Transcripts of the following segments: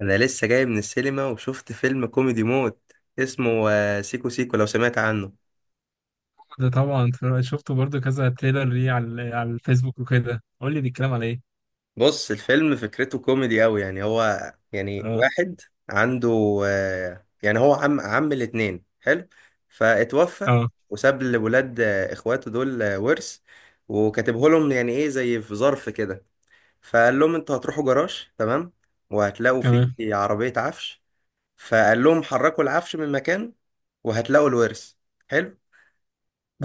انا لسه جاي من السينما وشفت فيلم كوميدي موت. اسمه سيكو سيكو، لو سمعت عنه. شفته برضو كذا تريلر ليه على الفيسبوك وكده، قول لي بيتكلم على ايه. بص، الفيلم فكرته كوميدي قوي، يعني هو يعني اه. واحد عنده يعني هو عم الاتنين حلو، فاتوفى اه. وساب لولاد اخواته دول ورث، وكاتبه لهم يعني ايه زي في ظرف كده. فقال لهم انتوا هتروحوا جراج، تمام، وهتلاقوا فيه كمان. عربية عفش. فقال لهم حركوا العفش من مكانه وهتلاقوا الورث. حلو.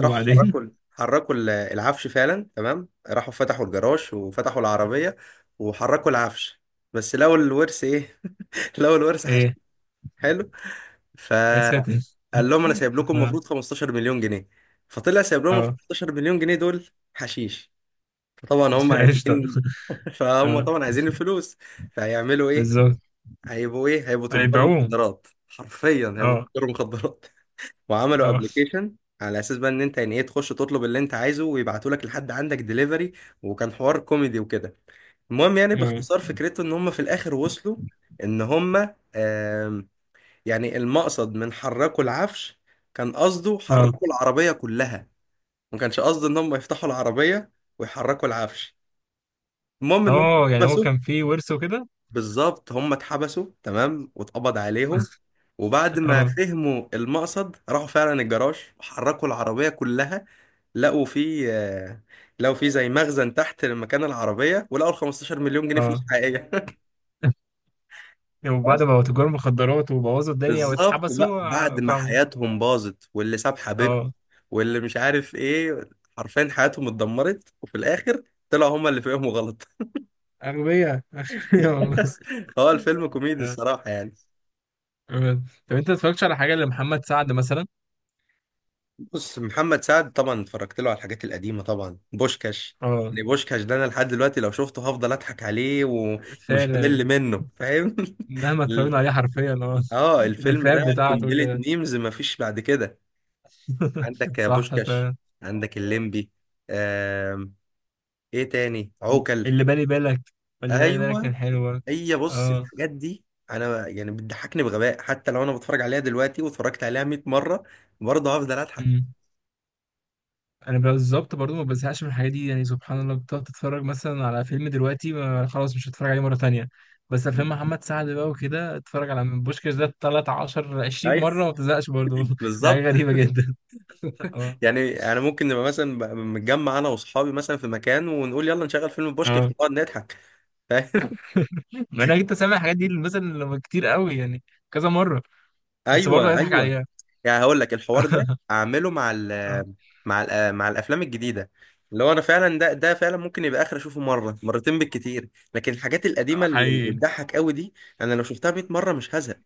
راحوا العفش فعلا، تمام، راحوا فتحوا الجراج وفتحوا العربية وحركوا العفش، بس لقوا الورث ايه؟ لقوا الورث حش. ايه. حلو. يا ساتر. فقال لهم: انا سايب لكم اه. المفروض 15 مليون جنيه. فطلع سايب لهم ال اه. 15 مليون جنيه دول حشيش. فطبعا هم قشطة. عايزين فهم اه. طبعا عايزين الفلوس، فهيعملوا ايه؟ بالظبط. هيبقوا ايه؟ هيبقوا تجار هيبيعوه. مخدرات، حرفيا هيبقوا اه. تجار مخدرات. وعملوا اه. ابلكيشن على اساس بقى ان انت يعني ايه تخش تطلب اللي انت عايزه ويبعتوا لك لحد عندك ديليفري، وكان حوار كوميدي وكده. المهم يعني اه. باختصار فكرته ان هم في الاخر وصلوا ان هم آم، يعني المقصد من حركوا العفش كان قصده اه. حركوا العربية كلها، ما كانش قصده ان هم يفتحوا العربية ويحركوا العفش. المهم ان هم اه يعني هو اتحبسوا. كان فيه ورث وكده. بالظبط، هم اتحبسوا، تمام، واتقبض عليهم، وبعد ما اه. فهموا المقصد راحوا فعلا الجراج وحركوا العربية كلها، لقوا فيه لقوا فيه زي مخزن تحت مكان العربية، ولقوا ال 15 مليون جنيه فلوس اه حقيقية وبعد بس، ما بقوا تجار مخدرات وبوظوا الدنيا بالظبط بقى، واتحبسوا، بعد ما فاهموا. حياتهم باظت واللي ساب حبيبته اه. واللي مش عارف ايه، حرفيا حياتهم اتدمرت، وفي الآخر طلعوا هما اللي فيهم غلط أغبياء، أغبياء والله. بس هو الفيلم كوميدي آه، الصراحة يعني. آه. طب انت ما اتفرجتش على حاجة لمحمد سعد مثلا؟ بص، محمد سعد طبعا اتفرجت له على الحاجات القديمة، طبعا بوشكاش، اه. يعني بوشكاش ده انا لحد دلوقتي لو شفته هفضل اضحك عليه ومش همل فعلا، منه، فاهم؟ مهما اتفرجنا عليه حرفيا، اه. اه، الفيلم الافيهات ده بتاعته قنبلة كده. ميمز مفيش بعد كده. عندك يا صح بوشكاش، فعلا. عندك الليمبي. آم. ايه تاني؟ عوكل. اللي بالي بالك، اللي بالي بالك كان ايوه، حلو برضه. هي بص، اه. الحاجات دي انا يعني بتضحكني بغباء، حتى لو انا بتفرج عليها دلوقتي واتفرجت عليها 100 مرة برضه هفضل اضحك. أمم. انا بالظبط برضو ما بزهقش من الحاجات دي، يعني سبحان الله. بتقعد تتفرج مثلا على فيلم دلوقتي، ما خلاص مش هتفرج عليه مره تانية. بس افلام محمد سعد بقى وكده، اتفرج على من بوشكاش ده 13 20 ايوه مره وما بتزهقش برضو. دي حاجه بالظبط. غريبه جدا. اه. يعني انا ممكن نبقى مثلا متجمع انا واصحابي مثلا في مكان، ونقول يلا نشغل فيلم بوشكاش اه. ونقعد نضحك مع انك انت سامع الحاجات دي مثلا لما كتير قوي، يعني كذا مره، بس برضه ايوه هيضحك ايوه عليها. يعني هقول لك الحوار ده اعمله مع ال آه، مع ال مع الافلام الجديده، اللي هو انا فعلا ده فعلا ممكن يبقى اخر اشوفه مره مرتين بالكتير. لكن الحاجات القديمه اللي حقيقي. بتضحك قوي دي انا لو شفتها 100 مره مش هزهق.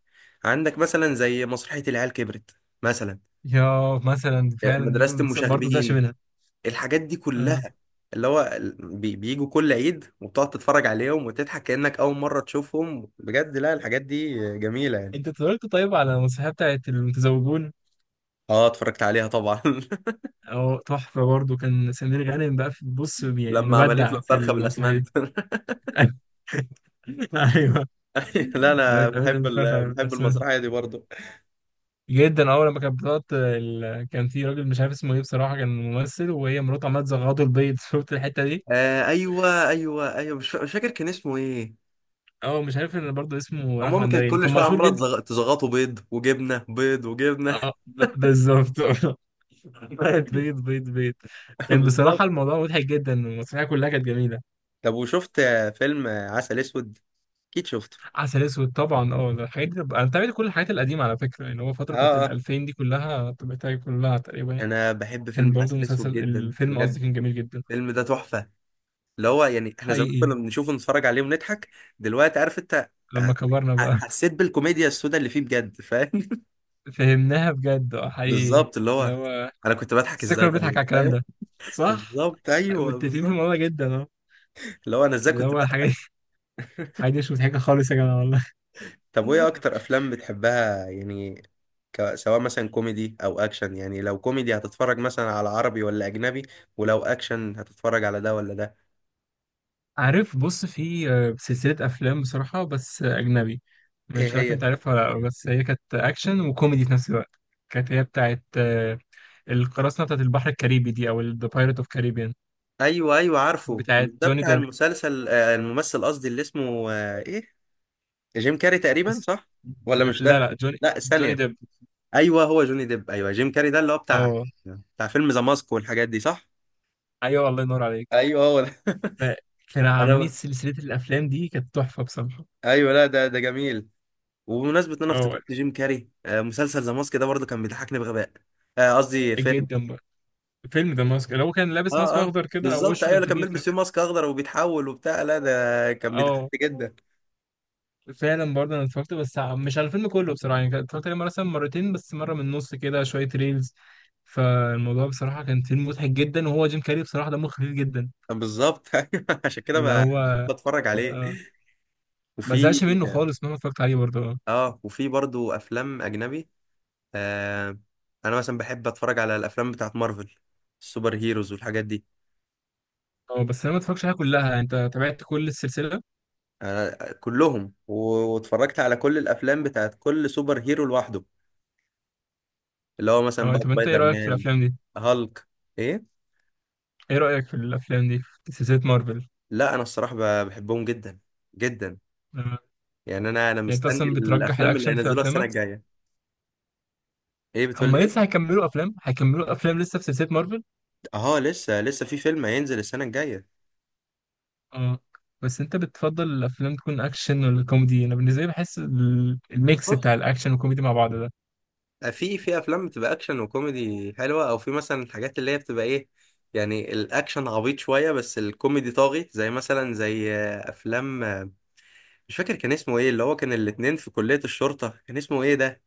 عندك مثلا زي مسرحيه العيال كبرت، مثلا يا مثلا فعلا دي مدرسه ما بتس- برضه زعش المشاغبين، منها. الحاجات دي آه. كلها، اللي هو بيجوا كل عيد وبتقعد تتفرج عليهم وتضحك كأنك أول مرة تشوفهم بجد. لا، الحاجات دي جميلة يعني. انت اتفرجت طيب على المسرحيه بتاعت المتزوجون؟ اه اتفرجت عليها طبعا اه تحفه برضه، كان سمير غانم بقى في، بص يعني لما عملت له مبدع في الفرخة المسرحيه بالأسمنت. دي. ايوه. لا، انا بقيت متفرج على بحب الأساس. المسرحيه دي برضو. جدا اول لما كانت بتقعد ال... كان في راجل مش عارف اسمه ايه بصراحه، كان ممثل وهي مراته عماله تزغطه البيض. شفت الحته دي؟ آه ايوه ايوه ايوه، مش فاكر كان اسمه ايه. اه مش عارف، ان برضه اسمه راح المهم كانت مندري، اللي كل كان شويه مشهور عماله جدا. تزغطوا بيض وجبنه، بيض وجبنه. اه بالظبط. بيض بيض بيض بيض. كان بصراحة بالظبط. الموضوع مضحك جدا، والمسرحية كلها كانت جميلة. طب وشفت فيلم عسل اسود؟ اكيد شفته. عسل أسود طبعا، اه. الحاجات دي أنا بتابعت كل الحاجات القديمة على فكرة، يعني هو فترة بتاعت اه اه، الألفين دي كلها تابعتها كلها تقريبا يعني. انا بحب كان فيلم برضو عسل مسلسل، اسود جدا الفيلم بجد. قصدي، كان جميل جدا. الفيلم ده تحفه، اللي هو يعني احنا زمان حقيقي. كنا بنشوفه نتفرج عليه ونضحك، دلوقتي عارف انت آه، لما كبرنا بقى، حسيت بالكوميديا السوداء اللي فيه بجد، فاهم؟ فهمناها بجد. اه حقيقي. بالظبط، اللي اللي هو هو، انا كنت بضحك بس ازاي؟ كنا بنضحك طيب. على الكلام ده. صح. بالظبط، ايوه متفقين في بالظبط، الموضوع جدا، اه. اللي هو انا ازاي اللي كنت هو الحاجات بضحك. الحاجات دي مش مضحكة خالص يا جماعة والله. طب وايه اكتر افلام بتحبها يعني؟ سواء مثلا كوميدي او اكشن، يعني لو كوميدي هتتفرج مثلا على عربي ولا اجنبي؟ ولو اكشن هتتفرج على ده ولا ده؟ عارف، بص في سلسلة أفلام بصراحة، بس أجنبي. ايه مش عارف هي؟ أنت عارفها ولا لأ، بس هي كانت أكشن وكوميدي في نفس الوقت. كانت هي بتاعت القراصنة، بتاعت البحر الكاريبي دي، أو The Pirate of Caribbean. ايوه ايوه عارفه، مش بتاعت ده جوني بتاع ديب. المسلسل الممثل قصدي اللي اسمه ايه؟ جيم كاري تقريبا، اس- صح؟ ولا مش لا ده؟ لا، جوني. لا جوني ثانية. ديب. ايوه هو جوني ديب، ايوه جيم كاري ده اللي هو أه. بتاع فيلم ذا ماسك والحاجات دي، صح؟ أيوه الله ينور عليك. ايوه هو ده فكانوا عاملين انا، سلسلة الأفلام دي كانت تحفة بصراحة. ايوه، لا، ده ده جميل. وبمناسبة ان انا أه. افتكرت جيم كاري، مسلسل ذا ماسك ده برضه كان بيضحكني بغباء، قصدي فيلم. جدا بقى. فيلم ده ماسك، اللي هو كان لابس ماسك اه اه، أخضر كده، أو بالظبط، وشه ايوه، كان اللي كان كبير بيلبس كده. فيه ماسك اخضر وبيتحول وبتاع، لا ده كان أه. بيضحكني جدا. فعلا برضه انا اتفرجت، بس مش على الفيلم كله بصراحه، يعني اتفرجت عليه مثلا مرتين بس، مره من النص كده، شويه ريلز. فالموضوع بصراحه كان فيلم مضحك جدا، وهو جيم كاري بصراحه دمه خفيف جدا. بالظبط أيوة، عشان كده اللي هو، بحب اتفرج عليه. آه. ما زهقش وفي، منه خالص مهما اتفرجت عليه برضه، اه. اه، وفي برضه افلام اجنبي آه انا مثلا بحب اتفرج على الافلام بتاعت مارفل، السوبر هيروز والحاجات دي. بس انا ما اتفرجتش عليها كلها، يعني انت تابعت كل السلسله؟ آه كلهم واتفرجت على كل الافلام بتاعت كل سوبر هيرو لوحده، اللي هو مثلا اه. بقى طب انت ايه سبايدر رايك في مان، الافلام دي؟ هالك. ايه؟ ايه رايك في الافلام دي، في سلسله مارفل؟ لا، انا الصراحه بحبهم جدا جدا، آه. يعني انا يعني انت مستني اصلا بترجح الافلام اللي الاكشن في هينزلوها السنه افلامك. الجايه. ايه بتقول هم لي ايه؟ لسه هيكملوا افلام، هيكملوا افلام لسه في سلسله مارفل. اه، لسه في فيلم هينزل السنه الجايه. اه. بس انت بتفضل الافلام تكون اكشن ولا كوميدي؟ انا بالنسبه لي بحس الميكس بتاع بص، الاكشن والكوميدي مع بعض ده. في افلام بتبقى اكشن وكوميدي حلوه، او في مثلا الحاجات اللي هي بتبقى ايه، يعني الاكشن عبيط شويه بس الكوميدي طاغي، زي مثلا زي افلام مش فاكر كان اسمه ايه، اللي هو كان الاتنين في كليه الشرطه، كان اسمه ايه ده؟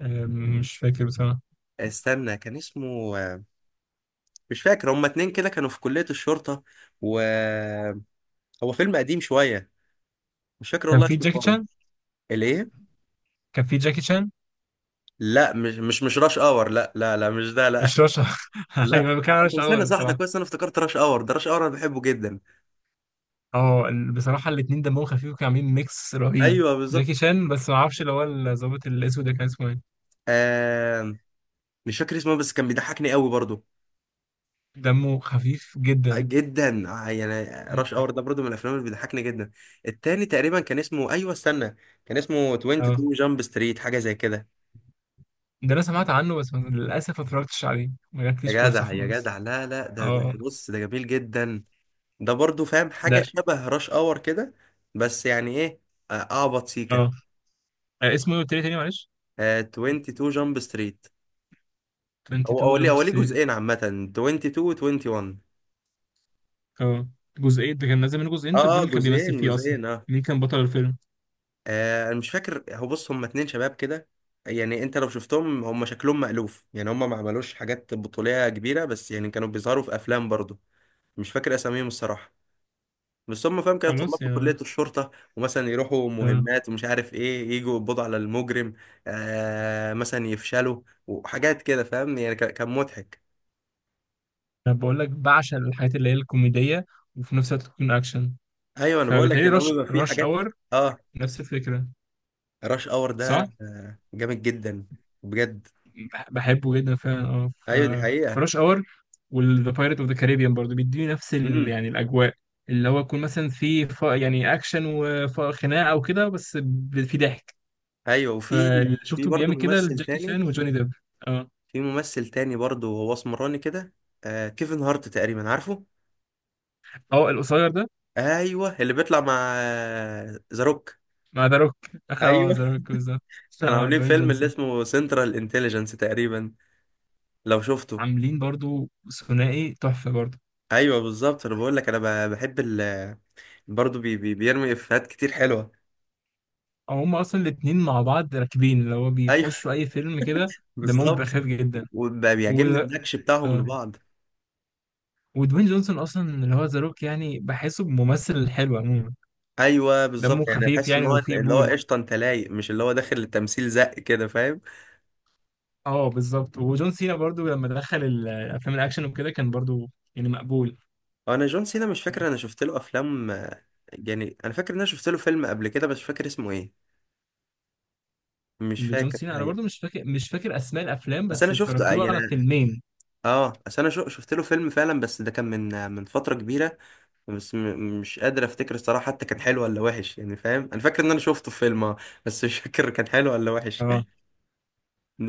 مش فاكر بصراحه. استنى كان اسمه، مش فاكر، هما اتنين كده كانوا في كلية الشرطة، و هو فيلم قديم شوية، مش فاكر كان والله في اسمه جاكي خالص. شان. الايه؟ كان في جاكي شان. لا، مش راش اور، لا لا لا، مش ده، لا مش رشا. ايوه، لا ما انت كانش اول مستني، صح ده الصراحه. كويس، انا افتكرت راش اور، ده راش اور انا بحبه جدا. اه، بصراحه الاثنين دمهم خفيف وكانوا عاملين ميكس رهيب. ايوه بالظبط. جاكي شان، بس ما اعرفش اللي هو الظابط الاسود ده كان اسمه ايه. آه... مش فاكر اسمه بس كان بيضحكني قوي برضو دمه خفيف جدا. جدا، يعني راش اور ده برضو من الافلام اللي بيضحكني جدا. التاني تقريبا كان اسمه، ايوه استنى، كان اسمه اه، 22 جامب ستريت، حاجه زي كده. ده انا سمعت عنه بس للاسف ما اتفرجتش عليه، ما جاتليش يا فرصه جدع يا خالص. جدع، لا لا، ده اه. بص، ده جميل جدا، ده برضو فاهم حاجة ده. شبه راش اور كده، بس يعني ايه، اعبط سيكا. اه. اسمه ايه قلت لي تاني معلش؟ آه 22 جامب ستريت، هو، هو 22 ليه جامب هو ليه ستريت. جزئين عامة، 22 و 21. اه جزئين، ده كان نازل منه جزئين. اه طب مين اه، اللي كان بيمثل جزئين فيه اصلا؟ جزئين اه. مين كان بطل الفيلم؟ انا مش فاكر، هو بص هم اتنين شباب كده، يعني انت لو شفتهم هم شكلهم مألوف، يعني هم ما عملوش حاجات بطولية كبيرة بس يعني كانوا بيظهروا في افلام برضو، مش فاكر اساميهم الصراحة، بس هم فاهم كده طلاب خلاص في يا. كلية الشرطة ومثلا يروحوا آه. مهمات ومش عارف ايه، يجوا يقبضوا على المجرم، آه مثلا يفشلوا وحاجات كده، فاهم يعني، كان مضحك. انا بقول لك بعشق الحاجات اللي هي الكوميديه وفي نفس الوقت تكون اكشن. ايوه، انا بقول لك فبالتهيألي اللي هو رش بيبقى فيه رش حاجات، اور اه نفس الفكره. راش اور ده صح. جامد جدا بجد. بحبه جدا فعلا، اه ف، ايوه دي حقيقة. فرش اور والذا بايرت اوف ذا كاريبيان برضه بيديني نفس ال... امم. يعني الاجواء، اللي هو يكون مثلا في يعني اكشن وخناقه او كده، بس في ضحك. ايوه، وفي فشفته برضه بيعمل كده ممثل لجاكي تاني، شان وجوني ديب. آه. في ممثل تاني برضه، هو اسمراني كده، آه كيفن هارت تقريبا، عارفه؟ اه القصير ده؟ ايوه، اللي بيطلع مع ذا روك. مع ذا روك. اه ايوه، ذا روك بالظبط. كانوا اه عاملين دوين فيلم اللي جونسون. اسمه سنترال انتليجنس تقريبا، لو شفته؟ عاملين برضو ثنائي تحفة برضو. ايوه بالظبط، انا بقول لك انا بحب ال، برضه بي بي بيرمي افيهات كتير حلوه. او هم اصلا الاتنين مع بعض راكبين، اللي هو ايوه بيخشوا اي فيلم كده. دمهم بالظبط. بخير جدا. و... وبيعجبني النكش بتاعهم آه. لبعض. ودوين جونسون اصلا اللي هو ذا روك، يعني بحسه ممثل حلو عموما. ايوه دمه بالظبط، يعني خفيف احس ان يعني هو، وفيه اللي هو قبول. قشطه انت لايق، مش اللي هو داخل للتمثيل زق كده، فاهم؟ اه بالظبط. وجون سينا برضو لما دخل الافلام الاكشن وكده كان برضو يعني مقبول. هو انا جون سينا مش فاكر، انا شفت له افلام يعني انا فاكر ان انا شفت له فيلم قبل كده بس مش فاكر اسمه ايه، مش لجون فاكر سينا انا الحقيقه. برضو مش فاكر، مش فاكر اسماء الافلام، بس انا بس اتفرجت شفته له على يعني، فيلمين. اه اصل انا شفت له فيلم فعلا، بس ده كان من فتره كبيره، بس مش قادر افتكر الصراحه، حتى كان حلو ولا وحش، يعني فاهم، انا فاكر ان انا شفته في فيلم بس مش فاكر كان حلو ولا وحش اه.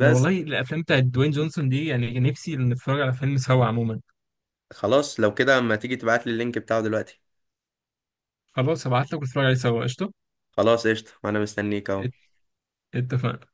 انا والله الافلام بتاعت دوين جونسون دي، يعني نفسي نتفرج على فيلم سوا عموما. خلاص لو كده اما تيجي تبعت لي اللينك بتاعه دلوقتي. خلاص هبعت لك ونتفرج عليه سوا، قشطه. خلاص قشطه، وانا مستنيك اهو. ات- اتفقنا.